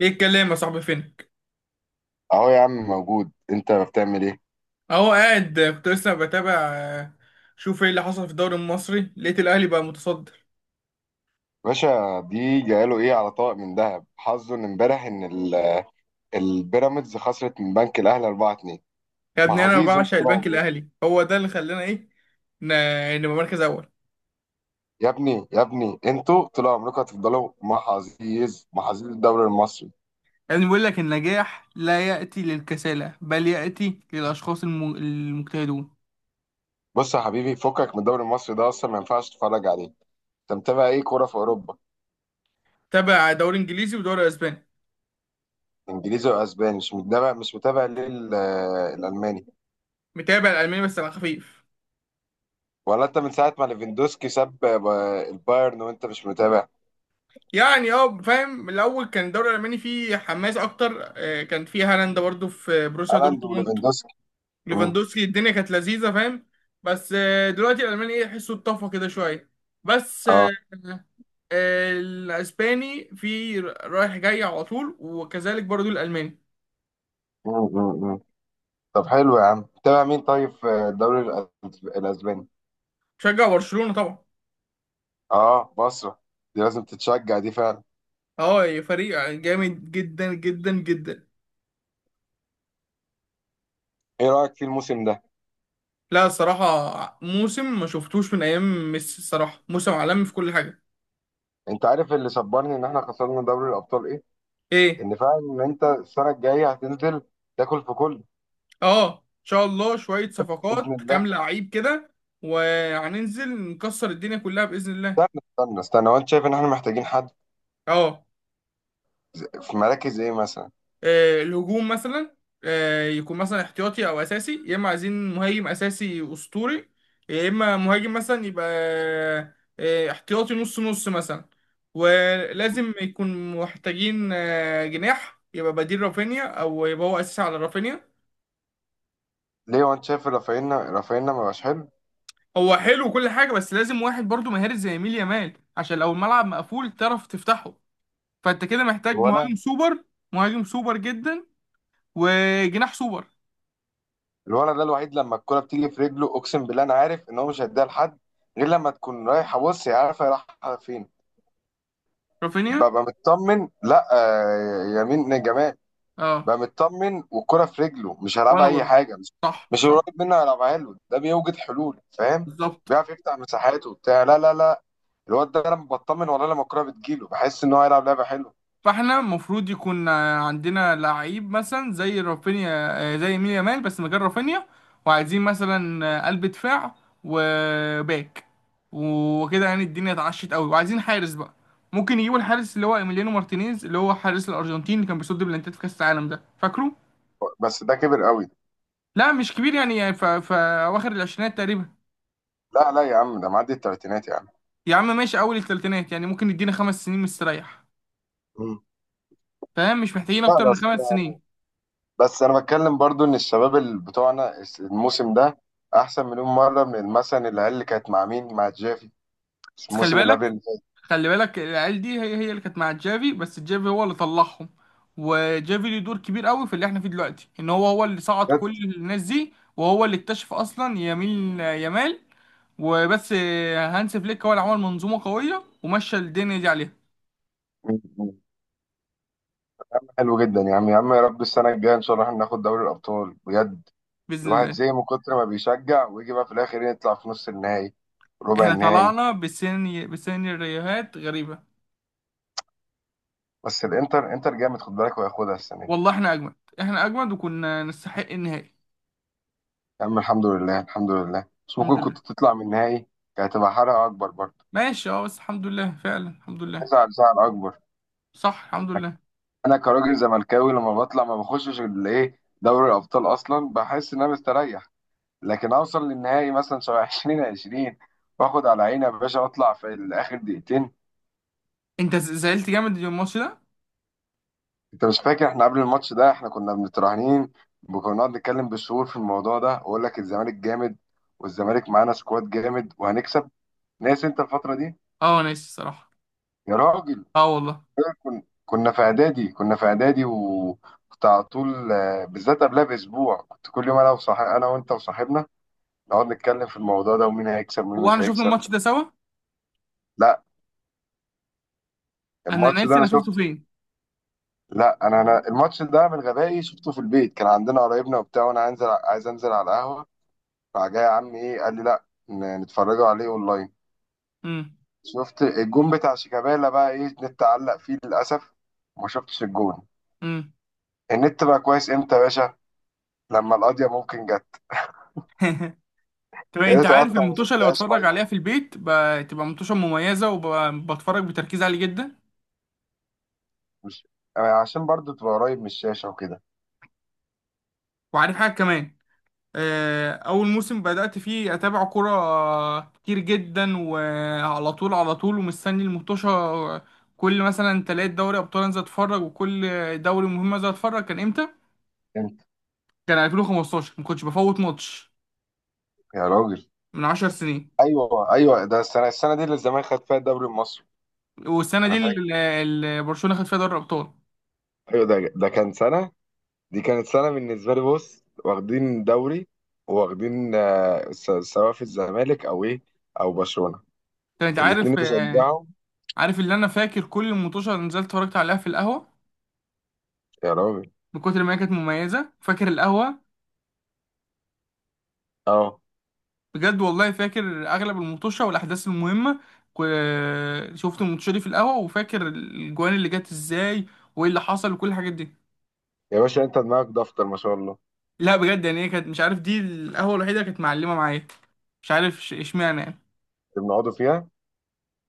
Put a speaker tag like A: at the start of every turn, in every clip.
A: ايه الكلام يا صاحبي؟ فينك؟
B: اهو يا عم موجود، انت بتعمل ايه؟
A: اهو قاعد، كنت لسه بتابع. شوف ايه اللي حصل في الدوري المصري، لقيت الاهلي بقى متصدر.
B: باشا دي جاله ايه على طبق من ذهب، حظه ان امبارح ان البيراميدز خسرت من بنك الاهلي 4-2.
A: يا
B: مع
A: ابني انا
B: حزيز انتوا
A: بعشق
B: طول
A: البنك
B: عمركم.
A: الاهلي، هو ده اللي خلانا ايه، نبقى مركز اول.
B: يا ابني يا ابني، انتوا طول عمركم هتفضلوا مع حزيز، الدوري المصري.
A: يا ابني بيقول لك النجاح لا ياتي للكسالى بل ياتي للاشخاص المجتهدون.
B: بص يا حبيبي، فكك من الدوري المصري ده، اصلا ما ينفعش تتفرج عليه. انت متابع ايه كوره في اوروبا؟
A: تابع دوري انجليزي ودوري اسباني.
B: انجليزي واسباني. مش متابع ليه الالماني؟
A: متابع الالماني بس على خفيف.
B: ولا انت من ساعه ما ليفاندوسكي ساب البايرن وانت مش متابع؟
A: يعني اه، فاهم، الاول كان الدوري الالماني فيه حماس اكتر. كان فيه هالاند برضه في بروسيا
B: هالاند
A: دورتموند.
B: وليفاندوسكي. مم.
A: ليفاندوسكي، الدنيا كانت لذيذه، فاهم. بس دلوقتي الالماني ايه، يحسوا اتطفى كده شويه. بس
B: اه.
A: الاسباني في رايح جاي على طول، وكذلك برضو الالماني.
B: مم. مم. مم. طب حلو يا عم، تابع مين طيب في الدوري الأسباني؟
A: شجع برشلونه طبعا.
B: اه بصرة، دي لازم تتشجع دي فعلا.
A: اه، فريق جامد جدا جدا جدا.
B: ايه رأيك في الموسم ده؟
A: لا الصراحه موسم ما شفتوش من ايام ميسي، الصراحه موسم عالمي في كل حاجه.
B: انت عارف اللي صبرني ان احنا خسرنا دوري الأبطال ايه؟
A: ايه؟
B: ان فعلا ان انت السنة الجاية هتنزل تاكل في كل.
A: اه ان شاء الله، شويه
B: بإذن
A: صفقات، كام
B: الله.
A: لعيب كده، وهننزل نكسر الدنيا كلها باذن الله.
B: استنى استنى استنى، هو انت شايف ان احنا محتاجين حد
A: اه.
B: في مراكز ايه مثلا؟
A: الهجوم مثلا. يكون مثلا احتياطي او اساسي، يا اما عايزين مهاجم اساسي اسطوري، يا اما مهاجم مثلا يبقى احتياطي نص نص مثلا. ولازم يكون محتاجين جناح يبقى بديل رافينيا، او يبقى هو اساسي على رافينيا.
B: ليه، هو انت شايف رافينا ما بقاش حلو؟
A: هو حلو وكل حاجه، بس لازم واحد برضو مهاري زي يميل يامال، عشان لو الملعب مقفول تعرف تفتحه. فانت كده محتاج
B: ولا.
A: مهاجم سوبر. مهاجم سوبر جدا. وجناح سوبر.
B: الولد ده الوحيد لما الكرة بتيجي في رجله، اقسم بالله انا عارف ان هو مش هيديها لحد غير لما تكون رايحة. بص هي عارفة هي رايحة فين.
A: رافينيا.
B: ببقى مطمن، لا يمين جمال.
A: اه.
B: ببقى مطمن والكرة في رجله، مش هيلعبها
A: وانا
B: اي
A: برضه.
B: حاجة. مش
A: صح
B: مش
A: صح.
B: قريب منه، هيلعبها له. ده بيوجد حلول فاهم،
A: بالظبط.
B: بيعرف يفتح مساحات وبتاع. لا لا لا، الواد ده لما بطمن والله، لما الكرة بتجيله بحس ان هو هيلعب لعبة حلوة.
A: فاحنا المفروض يكون عندنا لعيب مثلا زي رافينيا، زي مين، يامال، بس مكان رافينيا. وعايزين مثلا قلب دفاع، وباك، وكده يعني الدنيا اتعشت قوي، وعايزين حارس بقى. ممكن يجيبوا الحارس اللي هو ايميليانو مارتينيز، اللي هو حارس الارجنتين، اللي كان بيصد بلانتات في كاس العالم ده، فاكره.
B: بس ده كبر قوي.
A: لا مش كبير يعني، يعني اواخر العشرينات تقريبا.
B: لا لا يا عم، ده معدي التلاتينات يا عم.
A: يا عم ماشي، اول الثلاثينات يعني، ممكن يدينا خمس سنين مستريح.
B: مم.
A: فاهم، مش محتاجين
B: لا
A: اكتر من
B: بس،
A: خمس سنين.
B: بس انا بتكلم برضو ان الشباب اللي بتوعنا الموسم ده احسن مليون مره من مثلا العيال اللي كانت مع مين، مع جافي،
A: بس خلي
B: الموسم اللي قبل
A: بالك.
B: اللي فات.
A: خلي بالك العيال دي هي هي اللي كانت مع جافي، بس جافي هو اللي طلعهم. وجافي ليه دور كبير قوي في اللي احنا فيه دلوقتي، ان هو هو اللي صعد
B: كانت.
A: كل الناس دي، وهو اللي اكتشف اصلا يمين يمال. وبس. هانس فليك هو اللي عمل منظومة قوية ومشى الدنيا دي عليها.
B: م- م- حلو جدا يا عم، يا عم يا رب السنه الجايه ان شاء الله احنا ناخد دوري الابطال بجد.
A: بإذن
B: الواحد
A: الله.
B: زي من كتر ما بيشجع ويجي بقى في الاخر يطلع في نص النهائي، ربع
A: احنا
B: النهائي.
A: طلعنا بسيناريوهات غريبة.
B: بس الانتر، انتر جامد خد بالك، وهياخدها السنه دي.
A: والله احنا اجمد. احنا اجمد، وكنا نستحق النهائي.
B: يا عم الحمد لله الحمد لله، بس ممكن
A: الحمد لله.
B: كنت تطلع من النهائي. كانت هتبقى حرقه اكبر برضه.
A: ماشي اه، بس الحمد لله فعلا، الحمد لله.
B: زعل، زعل اكبر.
A: صح، الحمد لله.
B: انا كراجل زملكاوي لما بطلع ما بخشش الايه دوري الابطال اصلا، بحس ان انا مستريح. لكن اوصل للنهائي مثلا شبه 2020، واخد على عيني يا باشا واطلع في الاخر دقيقتين.
A: انت زعلت جامد اليوم الماتش ده.
B: انت مش فاكر احنا قبل الماتش ده احنا كنا متراهنين، وكنا بنقعد نتكلم بالشهور في الموضوع ده، واقول لك الزمالك جامد، والزمالك معانا سكواد جامد وهنكسب. ناس انت الفتره دي.
A: اه انا ناسي الصراحة.
B: يا راجل.
A: اه والله.
B: كنا في اعدادي، كنا في اعدادي، وكنت على طول بالذات قبلها باسبوع كنت كل يوم، انا وصاحب، انا وانت وصاحبنا نقعد نتكلم في الموضوع ده ومين هيكسب ومين
A: هو
B: مش
A: احنا شفنا
B: هيكسب.
A: الماتش ده سوا؟
B: لا
A: انا
B: الماتش ده
A: ناسي،
B: انا
A: انا شفته
B: شفته.
A: فين.
B: لا انا الماتش ده من غبائي شفته في البيت. كان عندنا قرايبنا وبتاع وانا انزل، عايز انزل على القهوه، راح جاي يا عم ايه قال لي لا، نتفرجوا عليه اونلاين.
A: امم.
B: شفت الجون بتاع شيكابالا بقى، ايه النت علق فيه للاسف وما شفتش الجون.
A: امم.
B: النت بقى كويس امتى يا باشا، لما القضيه ممكن جت.
A: طب
B: يا
A: انت
B: ريت
A: عارف
B: اقطع وما
A: المطوشه اللي
B: شفتهاش
A: بتفرج
B: لايف.
A: عليها في البيت تبقى مطوشه مميزه، وبتفرج بتركيز عالي جدا.
B: مش، يعني عشان برضو تبقى قريب من الشاشه وكده.
A: وعارف حاجه كمان، اول موسم بدات فيه اتابع كوره كتير جدا وعلى طول على طول ومستني المطوشه. كل مثلا تلات دوري ابطال انزل اتفرج، وكل دوري مهم انزل اتفرج. كان امتى؟
B: انت.
A: كان 2015، ما كنتش بفوت ماتش.
B: يا راجل.
A: من 10 سنين.
B: ايوه ايوه، ده السنه دي اللي الزمالك خد فيها الدوري المصري.
A: والسنه دي
B: انا فاكر.
A: اللي برشلونه خد فيها دوري الابطال.
B: ايوه ده كان سنه، دي كانت سنه بالنسبه لي. بص واخدين دوري، وواخدين سواء في الزمالك او ايه او برشلونه.
A: كانت، عارف؟
B: الاثنين بشجعهم.
A: عارف اللي انا فاكر؟ كل المطوشه اللي نزلت اتفرجت عليها في القهوه.
B: يا راجل.
A: من كتر ما هي كانت مميزه، فاكر القهوه.
B: اه.
A: بجد والله، فاكر اغلب المطوشه والاحداث المهمه. كو- شفت المطوشه دي في القهوه، وفاكر الجوان اللي جت ازاي، وايه اللي حصل وكل الحاجات دي.
B: يا باشا انت دماغك دفتر ما شاء الله.
A: لا بجد يعني، هي كانت، مش عارف، دي القهوه الوحيده كانت معلمه معايا. مش عارف اشمعنى يعني.
B: اللي بنقعدوا فيها.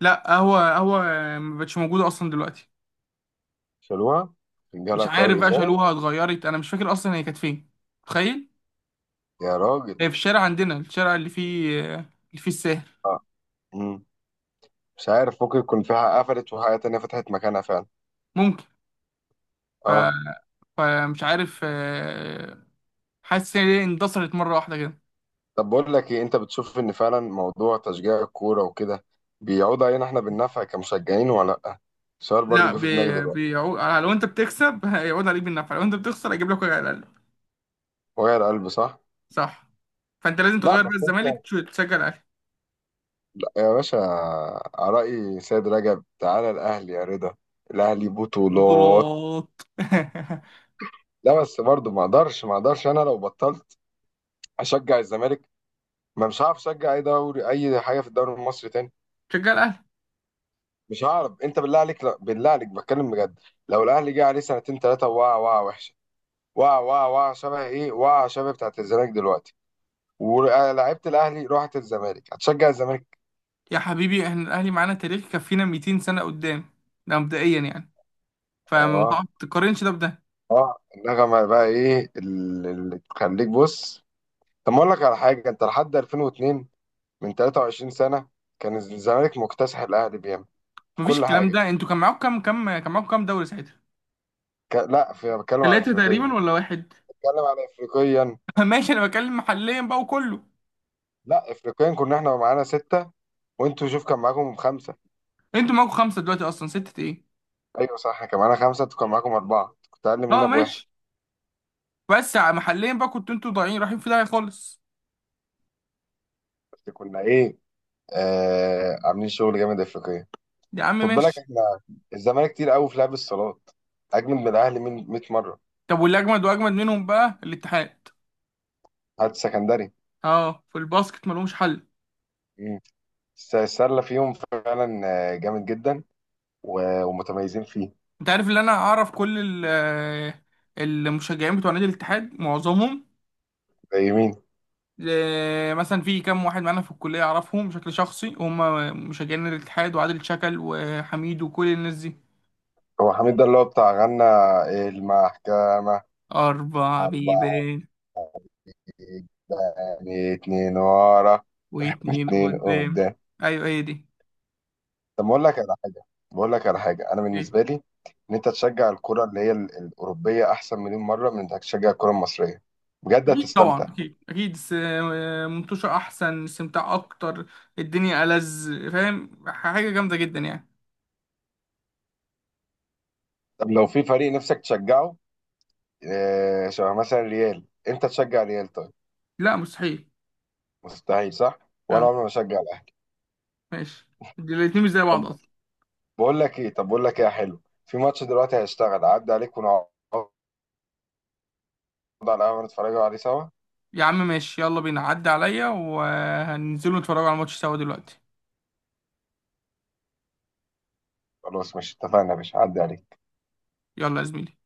A: لا قهوه قهوه ما بقتش موجوده اصلا دلوقتي.
B: شالوها؟
A: مش
B: جالها قرار
A: عارف بقى،
B: ازاله.
A: شالوها، اتغيرت، انا مش فاكر اصلا هي كانت فين. تخيل.
B: يا راجل.
A: هي في الشارع عندنا، الشارع اللي فيه الساهر.
B: اه. امم. مش عارف، ممكن يكون فيها قفلت وحاجه تانيه فتحت مكانها فعلا.
A: ممكن. ف...
B: اه.
A: فمش عارف. حاسس ان هي اندثرت مره واحده كده.
B: طب بقول لك ايه، انت بتشوف ان فعلا موضوع تشجيع الكوره وكده بيعود علينا احنا بالنفع كمشجعين ولا لا؟ السؤال برضو
A: لا
B: جه في دماغي دلوقتي.
A: بيعود لو انت بتكسب. هيعود عليك بالنفع، لو انت بتخسر هيجيب لك وجع القلب.
B: وجع القلب صح.
A: صح. فانت لازم
B: لا
A: تغير بقى
B: بس انت،
A: الزمالك، تشجع الاهلي.
B: لا يا باشا، رأي سيد رجب تعالى الاهلي يا رضا. الاهلي بطولات.
A: بطولات.
B: لا بس برضو، ما اقدرش انا لو بطلت اشجع الزمالك، ما مش هعرف اشجع اي دوري اي حاجه في الدوري المصري تاني.
A: تشجع الاهلي.
B: مش هعرف، انت بالله عليك، لا بالله عليك بتكلم بجد، لو الاهلي جه عليه سنتين ثلاثه وقع وقع وحشه، وقع وقع وقع شبه ايه، وقع شبه بتاعت الزمالك دلوقتي ولعيبه الاهلي راحت الزمالك، هتشجع الزمالك.
A: يا حبيبي احنا الاهلي معانا تاريخ يكفينا 200 سنه قدام. ده مبدئيا يعني. فما
B: اه.
A: تقارنش ده بده.
B: اه النغمه بقى ايه اللي تخليك، بص. طب ما اقول لك على حاجه، انت لحد 2002، من 23 سنه، كان الزمالك مكتسح الاهلي بيعمل في
A: مفيش
B: كل
A: الكلام
B: حاجه.
A: ده، انتوا كان معاكم كام دوري ساعتها؟
B: لا، في بتكلم على
A: ثلاثة
B: افريقيا،
A: تقريبا ولا واحد؟
B: بتكلم على افريقيا.
A: ماشي، انا بتكلم محليا بقى وكله.
B: لا افريقيا كنا احنا معانا سته، وانتوا شوف كان معاكم خمسه.
A: انتوا معاكم خمسة دلوقتي اصلا، ستة ايه.
B: ايوه صح، كان معانا خمسه انتوا كان معاكم اربعه، كنت اقل
A: اه
B: مننا بواحد.
A: ماشي. بس محليا بقى كنتوا انتوا ضايعين، رايحين في داهية خالص.
B: بس كنا ايه؟ آه عاملين شغل جامد افريقيا.
A: يا عم
B: خد بالك
A: ماشي.
B: احنا، الزمالك كتير قوي في لعب الصالات، اجمد من الاهلي من 100 مره.
A: طب واللي اجمد واجمد منهم بقى الاتحاد.
B: هات سكندري.
A: اه في الباسكت ملهمش حل.
B: مم. السله فيهم فعلا، جامد جدا ومتميزين فيه.
A: انت عارف اللي انا اعرف؟ كل المشجعين بتوع نادي الاتحاد معظمهم.
B: زي مين؟
A: مثلا في كام واحد معانا في الكلية، أعرفهم بشكل شخصي، هم مشجعين الاتحاد، وعادل شكل وحميد وكل الناس دي.
B: هو حميد ده اللي هو بتاع غنى، المحكمه؟
A: أربع
B: اربعه
A: بيبان.
B: قدام، اتنين ورا.
A: واتنين
B: اتنين
A: قدام.
B: قدام.
A: أيوة هي دي.
B: طب بقول لك على حاجه، انا
A: أكيد.
B: بالنسبه لي ان انت تشجع الكره اللي هي الاوروبيه احسن مليون مره من انك تشجع الكره المصريه بجد،
A: أكيد طبعا،
B: هتستمتع.
A: أكيد أكيد منتوشة أحسن، استمتاع أكتر. الدنيا ألذ، فاهم، حاجة جامدة جدا يعني.
B: طب لو في فريق نفسك تشجعه شبه مثلا ريال، انت تشجع ريال طيب؟
A: لا مستحيل.
B: مستحيل صح، وانا
A: أه،
B: عمري ما اشجع الاهلي.
A: ماشي. دي الاتنين مش زي
B: طب
A: بعض أصلا.
B: طب بقول لك ايه يا حلو، في ماتش دلوقتي هيشتغل عدى عليك ونقعد على القهوه نتفرجوا عليه سوا.
A: يا عم ماشي يلا بينا، عدي عليا وهننزلوا نتفرجوا على الماتش سوا دلوقتي.
B: خلاص مش اتفقنا يا باشا، عدى عليك.
A: يلا يا زميلي.